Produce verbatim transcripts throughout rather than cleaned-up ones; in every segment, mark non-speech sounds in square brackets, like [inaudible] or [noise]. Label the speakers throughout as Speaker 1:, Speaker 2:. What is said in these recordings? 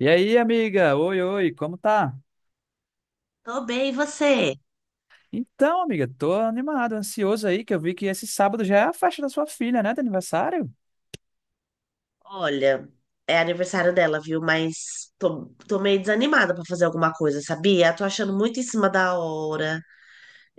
Speaker 1: E aí, amiga? Oi, oi, como tá?
Speaker 2: Tô bem, e você?
Speaker 1: Então, amiga, tô animado, ansioso aí, que eu vi que esse sábado já é a festa da sua filha, né, de aniversário?
Speaker 2: Olha, é aniversário dela, viu? Mas tô, tô meio desanimada pra fazer alguma coisa, sabia? Tô achando muito em cima da hora.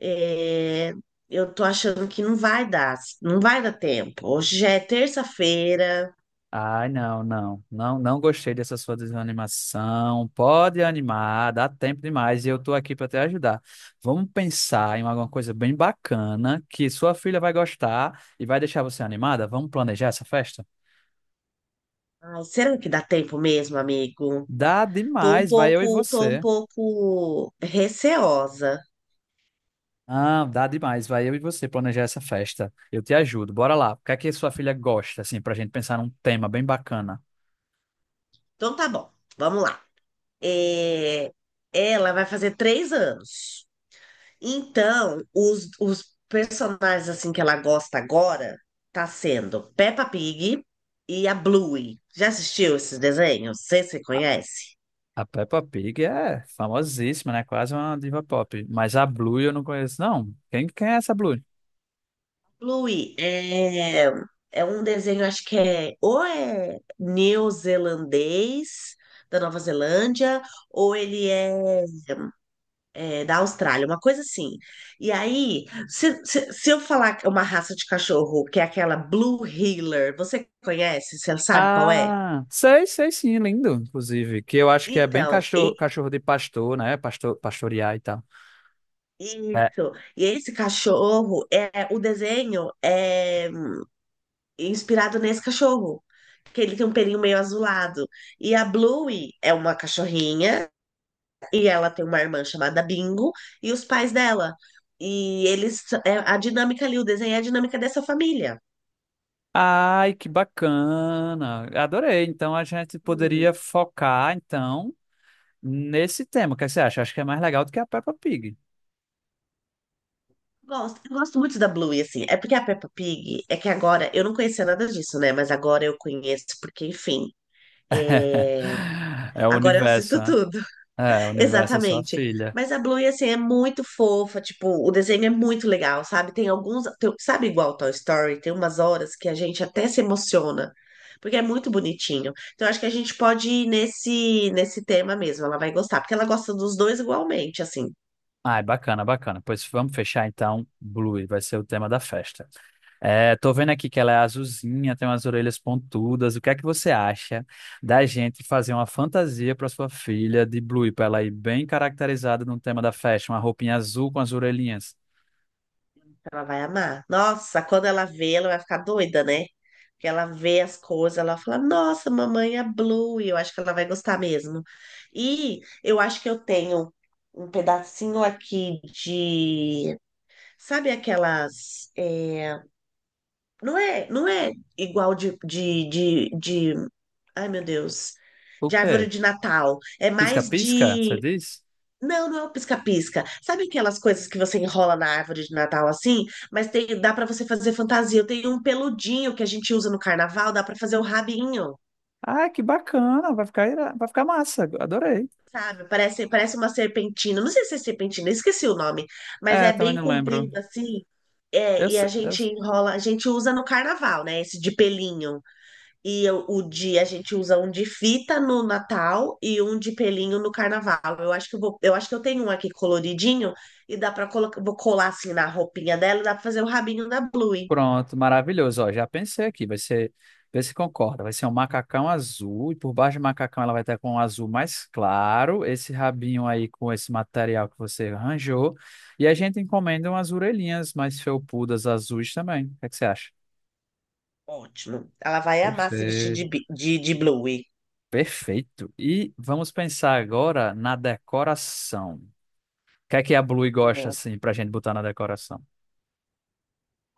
Speaker 2: É, Eu tô achando que não vai dar, não vai dar tempo. Hoje já é terça-feira.
Speaker 1: Ai, não, não, não, não gostei dessa sua desanimação. Pode animar, dá tempo demais e eu tô aqui pra te ajudar. Vamos pensar em alguma coisa bem bacana que sua filha vai gostar e vai deixar você animada? Vamos planejar essa festa?
Speaker 2: Ai, será que dá tempo mesmo, amigo?
Speaker 1: Dá
Speaker 2: Tô um
Speaker 1: demais, vai eu e
Speaker 2: pouco, tô um
Speaker 1: você.
Speaker 2: pouco receosa.
Speaker 1: Ah, dá demais. Vai eu e você planejar essa festa. Eu te ajudo. Bora lá. O que é que sua filha gosta, assim, pra gente pensar num tema bem bacana?
Speaker 2: Então tá bom, vamos lá. É, Ela vai fazer três anos. Então, os, os personagens assim que ela gosta agora tá sendo Peppa Pig e a Bluey. Já assistiu esses desenhos? Você se conhece?
Speaker 1: A Peppa Pig é famosíssima, né? Quase uma diva pop. Mas a Blue eu não conheço, não. Quem, quem é essa Blue?
Speaker 2: Bluey é, é um desenho, acho que é ou é neozelandês, da Nova Zelândia, ou ele é, é, da Austrália, uma coisa assim. E aí, se, se, se eu falar uma raça de cachorro que é aquela Blue Heeler, você conhece? Você sabe qual é?
Speaker 1: Ah, sei, sei sim, lindo, inclusive. Que eu acho que é bem
Speaker 2: Então, e-
Speaker 1: cachorro, cachorro de pastor, né? Pastor, pastorear e tal. É.
Speaker 2: isso. E esse cachorro, é o desenho é inspirado nesse cachorro, que ele tem um pelinho meio azulado. E a Bluey é uma cachorrinha, e ela tem uma irmã chamada Bingo, e os pais dela. E eles, é a dinâmica ali, o desenho é a dinâmica dessa família.
Speaker 1: Ai, que bacana. Adorei. Então a gente
Speaker 2: Hum,
Speaker 1: poderia focar, então, nesse tema. O que você acha? Acho que é mais legal do que a Peppa Pig.
Speaker 2: gosto, eu gosto muito da Bluey, assim. É porque a Peppa Pig, é que agora, eu não conhecia nada disso, né? Mas agora eu conheço, porque, enfim,
Speaker 1: [laughs]
Speaker 2: é,
Speaker 1: É o
Speaker 2: agora eu
Speaker 1: universo,
Speaker 2: assisto
Speaker 1: né?
Speaker 2: tudo.
Speaker 1: É, o universo é sua
Speaker 2: Exatamente.
Speaker 1: filha.
Speaker 2: Mas a Bluey, assim, é muito fofa, tipo, o desenho é muito legal, sabe? Tem alguns, tem- sabe, igual Toy Story, tem umas horas que a gente até se emociona, porque é muito bonitinho. Então, acho que a gente pode ir nesse, nesse tema mesmo, ela vai gostar, porque ela gosta dos dois igualmente, assim.
Speaker 1: Ah, é bacana, bacana. Pois vamos fechar então, Blue, vai ser o tema da festa. É, tô vendo aqui que ela é azulzinha, tem umas orelhas pontudas. O que é que você acha da gente fazer uma fantasia para sua filha de Blue, para ela ir bem caracterizada no tema da festa, uma roupinha azul com as orelhinhas?
Speaker 2: Ela vai amar. Nossa, quando ela vê, ela vai ficar doida, né? Porque ela vê as coisas, ela fala, nossa, mamãe é Blue, e eu acho que ela vai gostar mesmo. E eu acho que eu tenho um pedacinho aqui de. Sabe aquelas. é, Não é, não é igual de, de, de, de. Ai, meu Deus.
Speaker 1: O
Speaker 2: De árvore
Speaker 1: quê?
Speaker 2: de Natal. É mais
Speaker 1: Pisca-pisca, você
Speaker 2: de,
Speaker 1: diz?
Speaker 2: não, não é o pisca-pisca. Sabe aquelas coisas que você enrola na árvore de Natal assim? Mas tem, dá pra você fazer fantasia. Eu tenho um peludinho que a gente usa no carnaval, dá pra fazer o rabinho,
Speaker 1: Ah, que bacana, vai ficar, ira- vai ficar massa, adorei.
Speaker 2: sabe? Parece, parece uma serpentina. Não sei se é serpentina, esqueci o nome, mas
Speaker 1: É,
Speaker 2: é
Speaker 1: também
Speaker 2: bem
Speaker 1: não
Speaker 2: comprido
Speaker 1: lembro.
Speaker 2: assim. É,
Speaker 1: Eu,
Speaker 2: e
Speaker 1: se-
Speaker 2: a
Speaker 1: eu,
Speaker 2: gente enrola, a gente usa no carnaval, né? Esse de pelinho. E eu- o de A gente usa um de fita no Natal e um de pelinho no Carnaval. Eu acho que eu vou, eu acho que eu tenho um aqui coloridinho e dá para colocar, vou colar assim na roupinha dela, e dá para fazer o rabinho da Bluey.
Speaker 1: Pronto, maravilhoso. Ó, já pensei aqui, vai ser, vê se concorda. Vai ser um macacão azul, e por baixo do macacão ela vai estar com um azul mais claro, esse rabinho aí com esse material que você arranjou. E a gente encomenda umas orelhinhas mais felpudas azuis também. O que é que você acha?
Speaker 2: Ótimo. Ela vai amar se vestir
Speaker 1: Perfeito.
Speaker 2: de, bi- de, de Bluey.
Speaker 1: Perfeito. E vamos pensar agora na decoração. O que é que a Blue gosta assim pra gente botar na decoração?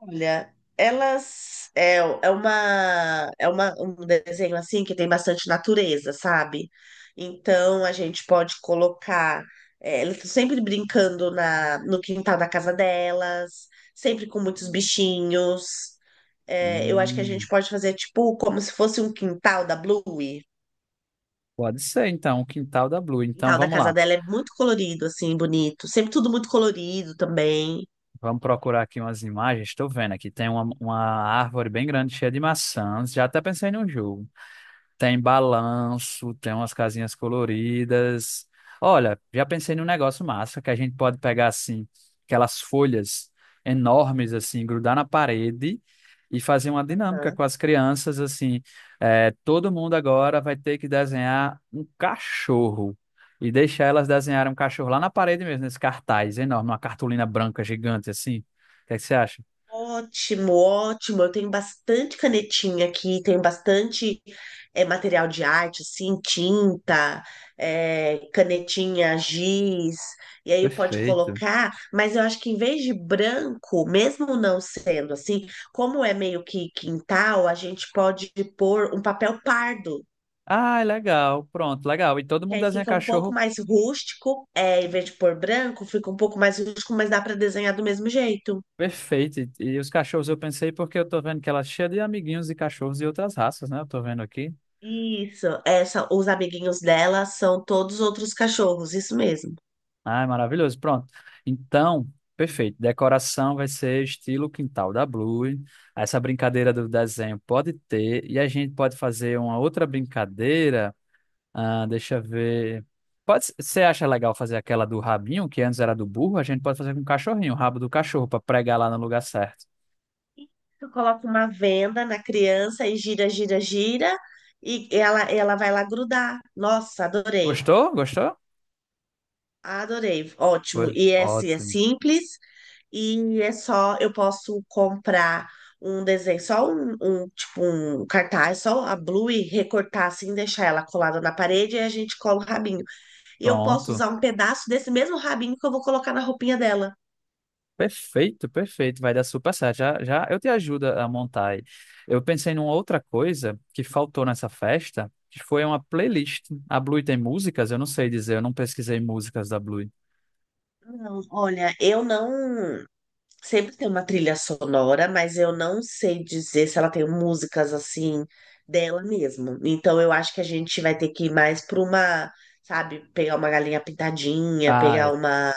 Speaker 2: Olha, elas é, é uma é uma, um desenho assim que tem bastante natureza, sabe? Então a gente pode colocar, é, elas estão sempre brincando na no quintal da casa delas, sempre com muitos bichinhos. É, eu acho que a gente
Speaker 1: Hum,
Speaker 2: pode fazer tipo como se fosse um quintal da Bluey.
Speaker 1: pode ser, então, o quintal da Blue.
Speaker 2: O
Speaker 1: Então
Speaker 2: quintal da
Speaker 1: vamos
Speaker 2: casa
Speaker 1: lá.
Speaker 2: dela é muito colorido, assim, bonito. Sempre tudo muito colorido também.
Speaker 1: Vamos procurar aqui umas imagens. Estou vendo aqui. Tem uma, uma árvore bem grande, cheia de maçãs. Já até pensei num jogo. Tem balanço, tem umas casinhas coloridas. Olha, já pensei num negócio massa que a gente pode pegar assim, aquelas folhas enormes assim, grudar na parede e fazer uma dinâmica
Speaker 2: Aham.
Speaker 1: com as crianças assim. É, todo mundo agora vai ter que desenhar um cachorro e deixar elas desenharem um cachorro lá na parede mesmo, nesse cartaz enorme, uma cartolina branca gigante assim. O que é que você acha?
Speaker 2: Ótimo, ótimo. Eu tenho bastante canetinha aqui, tenho bastante é, material de arte, assim, tinta, é, canetinha, giz, e aí pode
Speaker 1: Perfeito.
Speaker 2: colocar, mas eu acho que em vez de branco, mesmo não sendo assim, como é meio que quintal, a gente pode pôr um papel pardo.
Speaker 1: Ah, legal, pronto, legal. E todo
Speaker 2: Que
Speaker 1: mundo
Speaker 2: aí
Speaker 1: desenha
Speaker 2: fica um pouco
Speaker 1: cachorro.
Speaker 2: mais rústico, é, em vez de pôr branco, fica um pouco mais rústico, mas dá para desenhar do mesmo jeito.
Speaker 1: Perfeito. E e os cachorros eu pensei porque eu tô vendo que ela é cheia de amiguinhos de cachorros e outras raças, né? Eu tô vendo aqui.
Speaker 2: Isso, essa, os amiguinhos dela são todos outros cachorros, isso mesmo.
Speaker 1: Ah, é maravilhoso. Pronto. Então, perfeito. Decoração vai ser estilo quintal da Blue. Essa brincadeira do desenho pode ter. E a gente pode fazer uma outra brincadeira. Ah, deixa eu ver. Pode, você acha legal fazer aquela do rabinho, que antes era do burro? A gente pode fazer com o cachorrinho, o rabo do cachorro, para pregar lá no lugar certo.
Speaker 2: Tu coloca uma venda na criança e gira, gira, gira, e ela, ela vai lá grudar. Nossa, adorei,
Speaker 1: Gostou? Gostou?
Speaker 2: adorei, ótimo.
Speaker 1: Foi
Speaker 2: E esse é
Speaker 1: ótimo.
Speaker 2: simples, e é só, eu posso comprar um desenho, só um, um, tipo, um cartaz, só a Blue, e recortar assim, deixar ela colada na parede, e a gente cola o rabinho. E eu posso
Speaker 1: Pronto.
Speaker 2: usar um pedaço desse mesmo rabinho que eu vou colocar na roupinha dela.
Speaker 1: Perfeito, perfeito, vai dar super certo. Já, já eu te ajudo a montar aí. Eu pensei numa outra coisa que faltou nessa festa, que foi uma playlist. A Blue tem músicas? Eu não sei dizer, eu não pesquisei músicas da Blue.
Speaker 2: Não, olha, eu não. Sempre tem uma trilha sonora, mas eu não sei dizer se ela tem músicas assim dela mesmo. Então eu acho que a gente vai ter que ir mais para uma, sabe, pegar uma galinha pintadinha,
Speaker 1: Ah,
Speaker 2: pegar
Speaker 1: é.
Speaker 2: uma,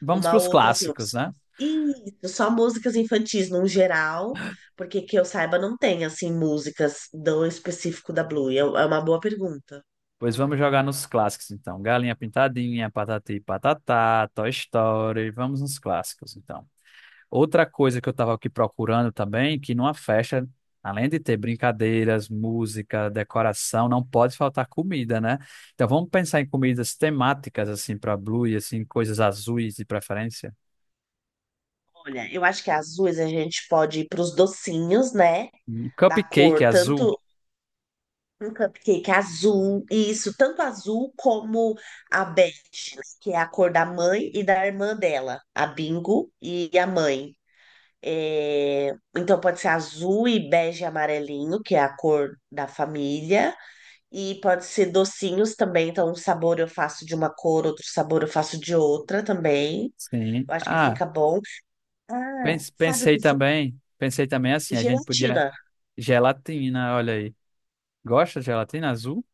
Speaker 1: Vamos para
Speaker 2: uma
Speaker 1: os
Speaker 2: outra assim.
Speaker 1: clássicos, né?
Speaker 2: Isso, só músicas infantis no geral, porque, que eu saiba, não tem assim músicas do específico da Blue. É, é uma boa pergunta.
Speaker 1: Pois vamos jogar nos clássicos, então. Galinha Pintadinha, Patati e Patatá, Toy Story, vamos nos clássicos, então. Outra coisa que eu estava aqui procurando também, que numa festa, além de ter brincadeiras, música, decoração, não pode faltar comida, né? Então vamos pensar em comidas temáticas assim para Blue e assim coisas azuis de preferência.
Speaker 2: Olha, eu acho que azuis a gente pode ir para os docinhos, né?
Speaker 1: Hum,
Speaker 2: Da
Speaker 1: Cupcake
Speaker 2: cor,
Speaker 1: azul.
Speaker 2: tanto um cupcake azul, isso, tanto azul como a bege, né, que é a cor da mãe e da irmã dela, a Bingo e a mãe. É, então pode ser azul e bege e amarelinho, que é a cor da família, e pode ser docinhos também, então um sabor eu faço de uma cor, outro sabor eu faço de outra também.
Speaker 1: Sim.
Speaker 2: Eu acho que
Speaker 1: Ah,
Speaker 2: fica bom. Ah,
Speaker 1: pens-
Speaker 2: sabe o
Speaker 1: pensei
Speaker 2: que foi?
Speaker 1: também, pensei também assim, a gente podia
Speaker 2: Gelatina.
Speaker 1: gelatina, olha aí. Gosta de gelatina azul?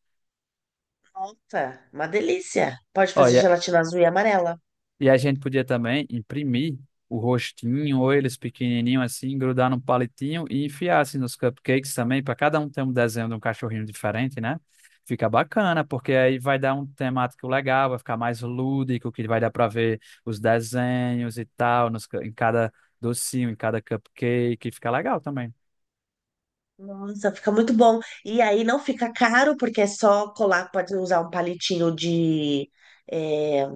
Speaker 2: Nossa, uma delícia. Pode fazer
Speaker 1: Olha,
Speaker 2: gelatina azul e amarela.
Speaker 1: e a gente podia também imprimir o rostinho ou eles pequenininho assim, grudar num palitinho e enfiar assim nos cupcakes também, para cada um ter um desenho de um cachorrinho diferente, né? Fica bacana, porque aí vai dar um temático legal, vai ficar mais lúdico, que vai dar para ver os desenhos e tal, nos, cu- em cada docinho, em cada cupcake, fica legal também.
Speaker 2: Nossa, fica muito bom. E aí não fica caro, porque é só colar, pode usar um palitinho de, é,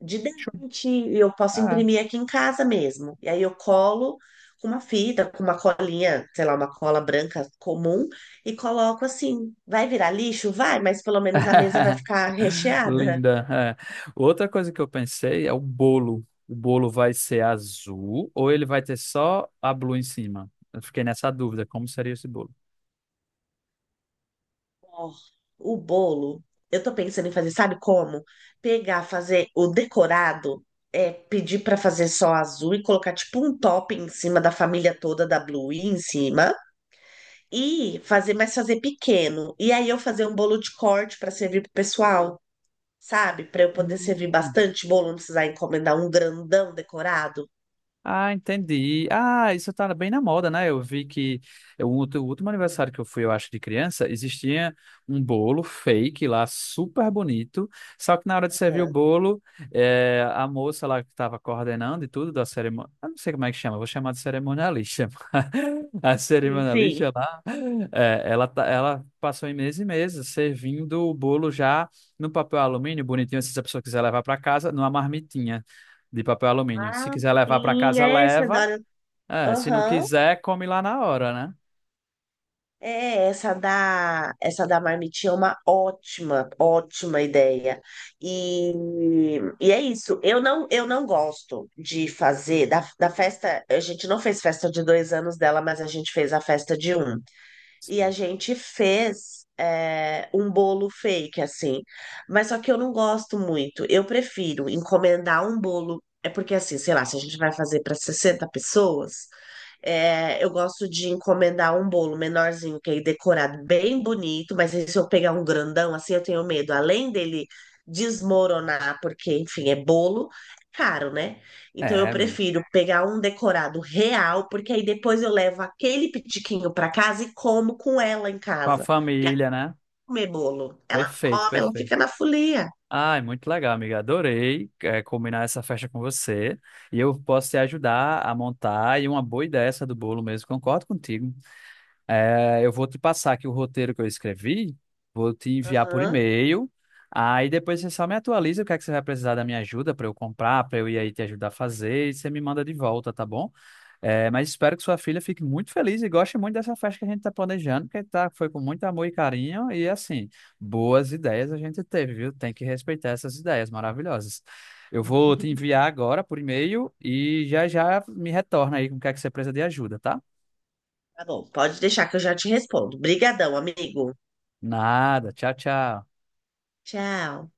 Speaker 2: de
Speaker 1: Show.
Speaker 2: dente, e eu posso
Speaker 1: Ah,
Speaker 2: imprimir aqui em casa mesmo. E aí eu colo com uma fita, com uma colinha, sei lá, uma cola branca comum, e coloco assim. Vai virar lixo? Vai, mas pelo menos a mesa vai
Speaker 1: [laughs]
Speaker 2: ficar recheada.
Speaker 1: Linda. É. Outra coisa que eu pensei é o bolo. O bolo vai ser azul ou ele vai ter só a Blue em cima? Eu fiquei nessa dúvida, como seria esse bolo?
Speaker 2: Ó, o bolo, eu tô pensando em fazer, sabe como? Pegar, fazer o decorado, é, pedir pra fazer só azul e colocar tipo um top em cima da família toda da Blue em cima e fazer, mas fazer pequeno. E aí eu fazer um bolo de corte pra servir pro pessoal, sabe? Pra eu poder servir
Speaker 1: Hum.
Speaker 2: bastante bolo, não precisar encomendar um grandão decorado.
Speaker 1: Ah, entendi. Ah, isso tá bem na moda, né? Eu vi que eu- o outro- o último aniversário que eu fui, eu acho, de criança, existia um bolo fake lá, super bonito. Só que na hora de servir o
Speaker 2: Aham.
Speaker 1: bolo, eh, a moça lá que estava coordenando e tudo da cerimônia, eu não sei como é que chama, eu vou chamar de cerimonialista. [laughs] A
Speaker 2: Sim, sim.
Speaker 1: cerimonialista lá, eh, ela, tá- ela passou em meses e meses servindo o bolo já no papel alumínio, bonitinho, assim, se a pessoa quiser levar para casa, numa marmitinha de papel alumínio. Se
Speaker 2: Ah,
Speaker 1: quiser levar para
Speaker 2: sim,
Speaker 1: casa,
Speaker 2: é,
Speaker 1: leva.
Speaker 2: Fedora.
Speaker 1: É, se não
Speaker 2: Aham.
Speaker 1: quiser, come lá na hora, né?
Speaker 2: É, essa da, essa da marmitinha é uma ótima, ótima ideia. E, e é isso. Eu não, eu não gosto de fazer da, da festa. A gente não fez festa de dois anos dela, mas a gente fez a festa de um. E a
Speaker 1: Sim.
Speaker 2: gente fez, é, um bolo fake, assim. Mas só que eu não gosto muito. Eu prefiro encomendar um bolo. É porque, assim, sei lá, se a gente vai fazer para sessenta pessoas, é, eu gosto de encomendar um bolo menorzinho, que aí decorado bem bonito. Mas aí se eu pegar um grandão, assim, eu tenho medo, além dele desmoronar, porque, enfim, é bolo, é caro, né? Então eu
Speaker 1: É, amigo.
Speaker 2: prefiro pegar um decorado real, porque aí depois eu levo aquele pitiquinho para casa e como com ela em
Speaker 1: Com a
Speaker 2: casa. Porque ela
Speaker 1: família,
Speaker 2: não
Speaker 1: né?
Speaker 2: come bolo, ela não
Speaker 1: Perfeito,
Speaker 2: come, ela
Speaker 1: perfeito.
Speaker 2: fica na folia.
Speaker 1: Ai, muito legal, amiga. Adorei, é, combinar essa festa com você. E eu posso te ajudar a montar. E uma boa ideia essa do bolo mesmo, concordo contigo. É, eu vou te passar aqui o roteiro que eu escrevi, vou te enviar por
Speaker 2: Aham.
Speaker 1: e-mail. Aí depois você só me atualiza o que é que você vai precisar da minha ajuda para eu comprar, para eu ir aí te ajudar a fazer. E você me manda de volta, tá bom? É, mas espero que sua filha fique muito feliz e goste muito dessa festa que a gente está planejando, porque tá, foi com muito amor e carinho. E assim, boas ideias a gente teve, viu? Tem que respeitar essas ideias maravilhosas. Eu vou te enviar agora por e-mail e já já me retorna aí com o que é que você precisa de ajuda, tá?
Speaker 2: Tá bom, pode deixar que eu já te respondo. Brigadão, amigo.
Speaker 1: Nada. Tchau, tchau.
Speaker 2: Tchau.